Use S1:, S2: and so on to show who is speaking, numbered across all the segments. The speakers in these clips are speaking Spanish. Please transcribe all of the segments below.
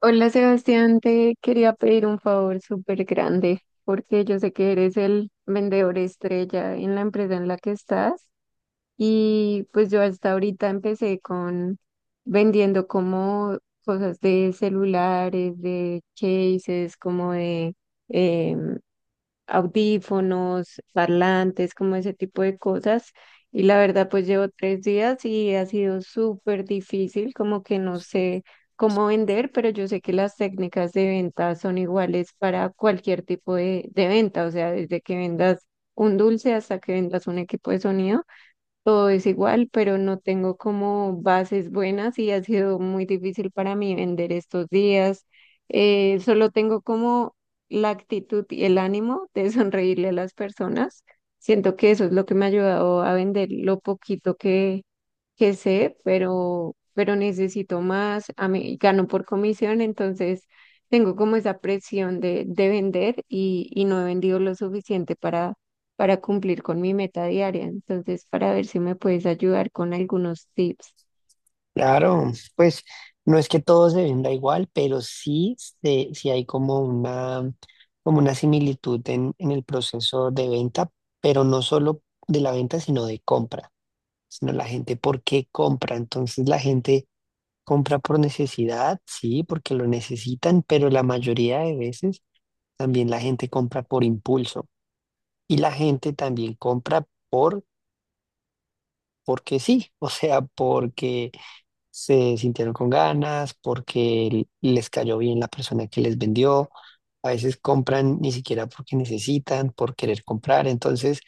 S1: Hola Sebastián, te quería pedir un favor súper grande porque yo sé que eres el vendedor estrella en la empresa en la que estás, y pues yo hasta ahorita empecé con vendiendo como cosas de celulares, de cases, como de eh, audífonos, parlantes, como ese tipo de cosas. Y la verdad, pues llevo 3 días y ha sido súper difícil, como que no sé cómo vender, pero yo sé que las técnicas de venta son iguales para cualquier tipo de venta, o sea, desde que vendas un dulce hasta que vendas un equipo de sonido, todo es igual, pero no tengo como bases buenas y ha sido muy difícil para mí vender estos días. Solo tengo como la actitud y el ánimo de sonreírle a las personas. Siento que eso es lo que me ha ayudado a vender lo poquito que sé, pero necesito más. A mí gano por comisión, entonces tengo como esa presión de vender y no he vendido lo suficiente para cumplir con mi meta diaria. Entonces, para ver si me puedes ayudar con algunos tips.
S2: Claro, pues no es que todo se venda igual, pero sí, sí hay como una similitud en el proceso de venta, pero no solo de la venta, sino de compra, sino la gente por qué compra. Entonces la gente compra por necesidad, sí, porque lo necesitan, pero la mayoría de veces también la gente compra por impulso y la gente también compra porque sí, o sea, porque se sintieron con ganas, porque les cayó bien la persona que les vendió. A veces compran ni siquiera porque necesitan, por querer comprar. Entonces,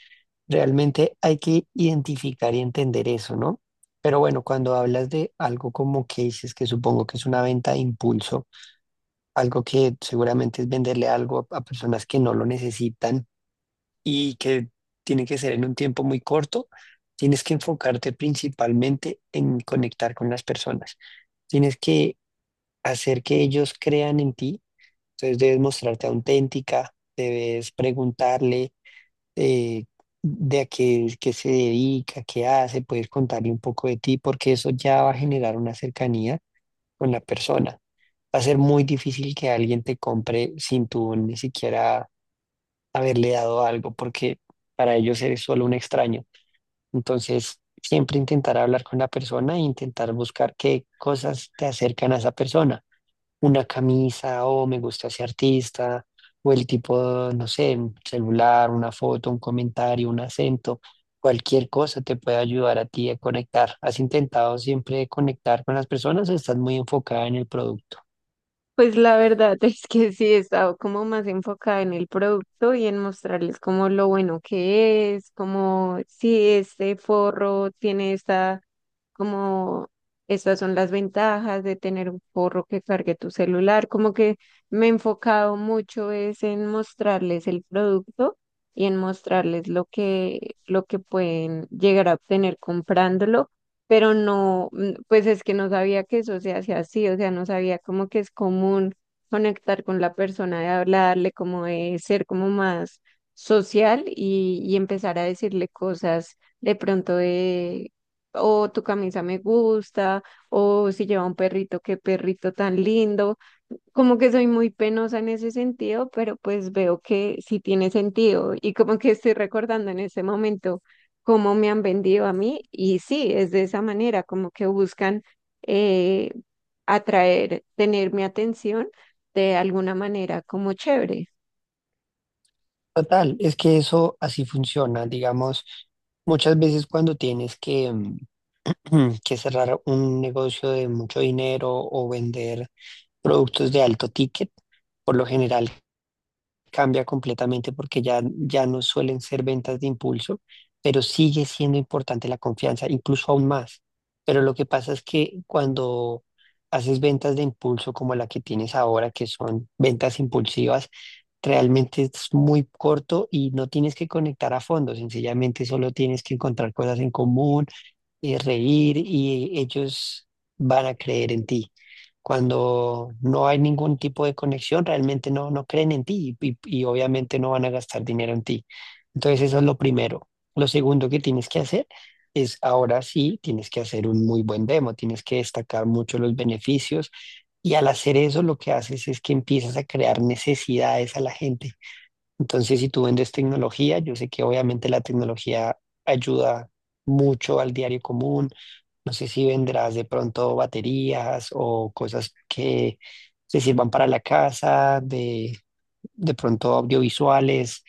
S2: realmente hay que identificar y entender eso, ¿no? Pero bueno, cuando hablas de algo como que dices que supongo que es una venta de impulso, algo que seguramente es venderle algo a personas que no lo necesitan y que tiene que ser en un tiempo muy corto, tienes que enfocarte principalmente en conectar con las personas. Tienes que hacer que ellos crean en ti, entonces debes mostrarte auténtica, debes preguntarle eh, de qué se dedica, qué hace, puedes contarle un poco de ti, porque eso ya va a generar una cercanía con la persona. Va a ser muy difícil que alguien te compre sin tú ni siquiera haberle dado algo, porque para ellos eres solo un extraño. Entonces, siempre intentar hablar con la persona e intentar buscar qué cosas te acercan a esa persona. Una camisa, o me gusta ese artista, o el tipo, no sé, un celular, una foto, un comentario, un acento. Cualquier cosa te puede ayudar a ti a conectar. ¿Has intentado siempre conectar con las personas o estás muy enfocada en el producto?
S1: Pues la verdad es que sí, he estado como más enfocada en el producto y en mostrarles como lo bueno que es, como si este forro tiene esta, como, estas son las ventajas de tener un forro que cargue tu celular, como que me he enfocado mucho es en mostrarles el producto y en mostrarles lo que pueden llegar a obtener comprándolo, pero no, pues es que no sabía que eso se hacía así, o sea, no sabía como que es común conectar con la persona, de hablarle, como de ser como más social y empezar a decirle cosas de pronto de o tu camisa me gusta, o si lleva un perrito, qué perrito tan lindo. Como que soy muy penosa en ese sentido, pero pues veo que sí tiene sentido y como que estoy recordando en ese momento cómo me han vendido a mí y sí, es de esa manera, como que buscan eh, atraer, tener mi atención de alguna manera como chévere.
S2: Total, es que eso así funciona, digamos. Muchas veces cuando tienes que, que cerrar un negocio de mucho dinero o vender productos de alto ticket, por lo general cambia completamente porque ya no suelen ser ventas de impulso, pero sigue siendo importante la confianza, incluso aún más. Pero lo que pasa es que cuando haces ventas de impulso como la que tienes ahora, que son ventas impulsivas, realmente es muy corto y no tienes que conectar a fondo, sencillamente solo tienes que encontrar cosas en común reír y ellos van a creer en ti. Cuando no hay ningún tipo de conexión, realmente no, no creen en ti y obviamente no van a gastar dinero en ti. Entonces eso es lo primero. Lo segundo que tienes que hacer es ahora sí, tienes que hacer un muy buen demo, tienes que destacar mucho los beneficios. Y al hacer eso, lo que haces es que empiezas a crear necesidades a la gente. Entonces, si tú vendes tecnología, yo sé que obviamente la tecnología ayuda mucho al diario común, no sé si vendrás de pronto baterías o cosas que se sirvan para la casa, de pronto audiovisuales,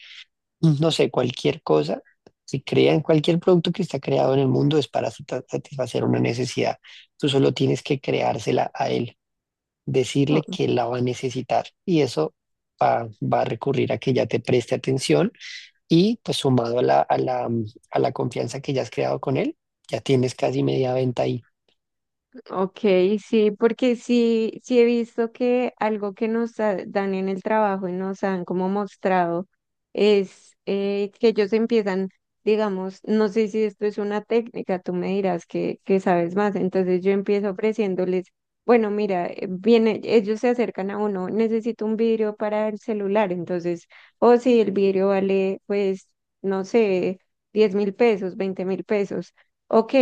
S2: no sé, cualquier cosa. Si crean cualquier producto que está creado en el mundo es para satisfacer una necesidad. Tú solo tienes que creársela a él,
S1: ¿No?
S2: decirle que la va a necesitar y eso va a recurrir a que ya te preste atención y pues sumado a a la confianza que ya has creado con él, ya tienes casi media venta ahí.
S1: Ok, sí, porque sí, sí he visto que algo que nos ha- dan en el trabajo y nos han como mostrado es que ellos empiezan, digamos, no sé si esto es una técnica, tú me dirás que sabes más, entonces yo empiezo ofreciéndoles, bueno, mira, viene, ellos se acercan a uno, necesito un vidrio para el celular, entonces, o si el vidrio vale, pues, no sé, 10.000 pesos, 20.000 pesos. Ok,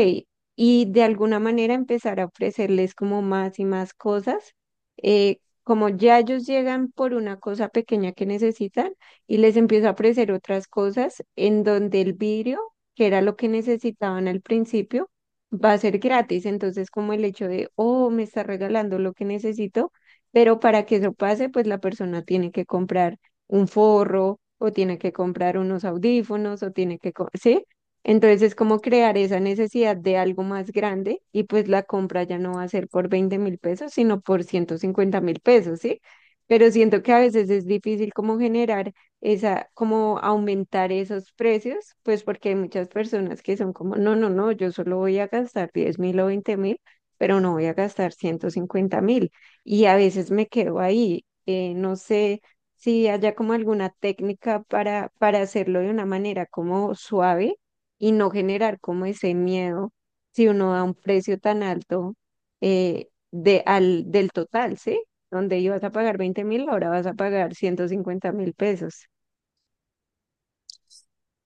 S1: y de alguna manera empezar a ofrecerles como más y más cosas. eh, Como ya ellos llegan por una cosa pequeña que necesitan y les empiezo a ofrecer otras cosas en donde el vidrio, que era lo que necesitaban al principio, va a ser gratis. Entonces, como el hecho de, oh, me está regalando lo que necesito, pero para que eso pase, pues la persona tiene que comprar un forro o tiene que comprar unos audífonos o tiene ¿sí? Entonces es como crear esa necesidad de algo más grande y pues la compra ya no va a ser por 20.000 pesos, sino por 150.000 pesos, ¿sí? Pero siento que a veces es difícil como generar como aumentar esos precios, pues porque hay muchas personas que son como, no, no, no, yo solo voy a gastar 10.000 o 20.000, pero no voy a gastar 150.000. Y a veces me quedo ahí, no sé si haya como alguna técnica para hacerlo de una manera como suave y no generar como ese miedo si uno da un precio tan alto, del total, ¿sí? Donde ibas a pagar 20.000, ahora vas a pagar 150.000 pesos.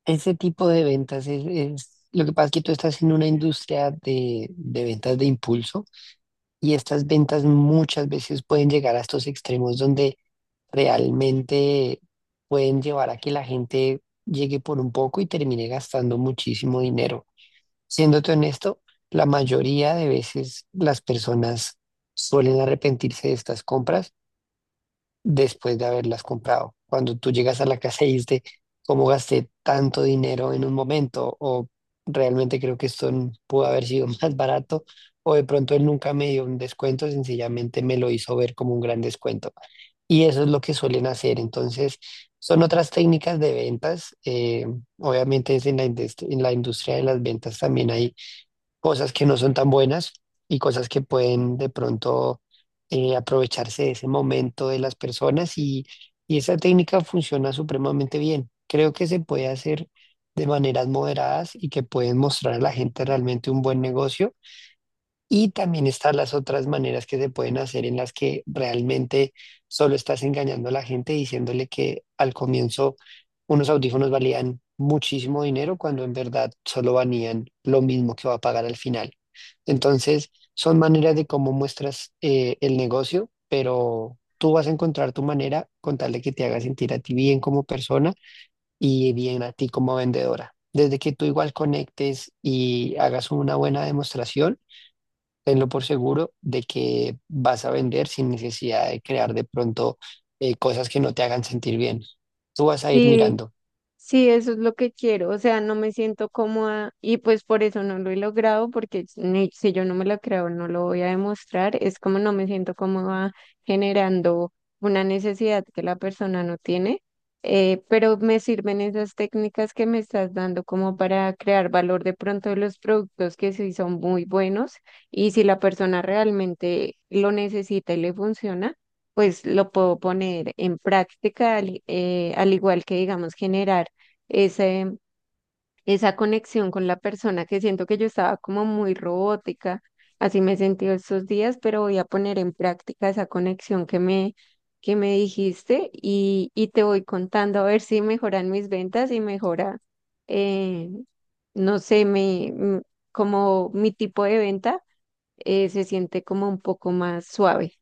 S2: Ese tipo de ventas lo que pasa es que tú estás en una industria de ventas de impulso y estas ventas muchas veces pueden llegar a estos extremos donde realmente pueden llevar a que la gente llegue por un poco y termine gastando muchísimo dinero. Siéndote honesto, la mayoría de veces las personas suelen arrepentirse de estas compras después de haberlas comprado. Cuando tú llegas a la casa y dices, ¿cómo gasté tanto dinero en un momento? O realmente creo que esto pudo haber sido más barato. O de pronto él nunca me dio un descuento, sencillamente me lo hizo ver como un gran descuento. Y eso es lo que suelen hacer. Entonces, son otras técnicas de ventas. Obviamente es en la en la industria de las ventas también hay cosas que no son tan buenas y cosas que pueden de pronto aprovecharse de ese momento de las personas y esa técnica funciona supremamente bien. Creo que se puede hacer de maneras moderadas y que pueden mostrar a la gente realmente un buen negocio y también están las otras maneras que se pueden hacer en las que realmente solo estás engañando a la gente diciéndole que al comienzo unos audífonos valían muchísimo dinero cuando en verdad solo valían lo mismo que va a pagar al final. Entonces, son maneras de cómo muestras el negocio, pero tú vas a encontrar tu manera con tal de que te haga sentir a ti bien como persona y bien a ti como vendedora. Desde que tú igual conectes y hagas una buena demostración tenlo por seguro de que vas a vender sin necesidad de crear de pronto cosas que no te hagan sentir bien. Tú vas a ir mirando.
S1: Sí, eso es lo que quiero, o sea, no me siento cómoda y pues por eso no lo he logrado, porque si yo no me lo creo, no lo voy a demostrar, es como no me siento cómoda generando una necesidad que la persona no tiene, pero me sirven esas técnicas que me estás dando como para crear valor de pronto de los productos que sí son muy buenos y si la persona realmente lo necesita y le funciona pues lo puedo poner en práctica, al igual que, digamos, generar ese, esa conexión con la persona que siento que yo estaba como muy robótica, así me he sentido estos días, pero voy a poner en práctica esa conexión que me dijiste y te voy contando a ver si mejoran mis ventas y mejora, eh, no sé, como mi tipo de venta se siente como un poco más suave.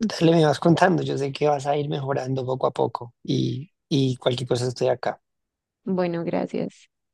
S2: Dale, me vas contando. Yo sé que vas a ir mejorando poco a poco y cualquier cosa estoy acá.
S1: Bueno, gracias.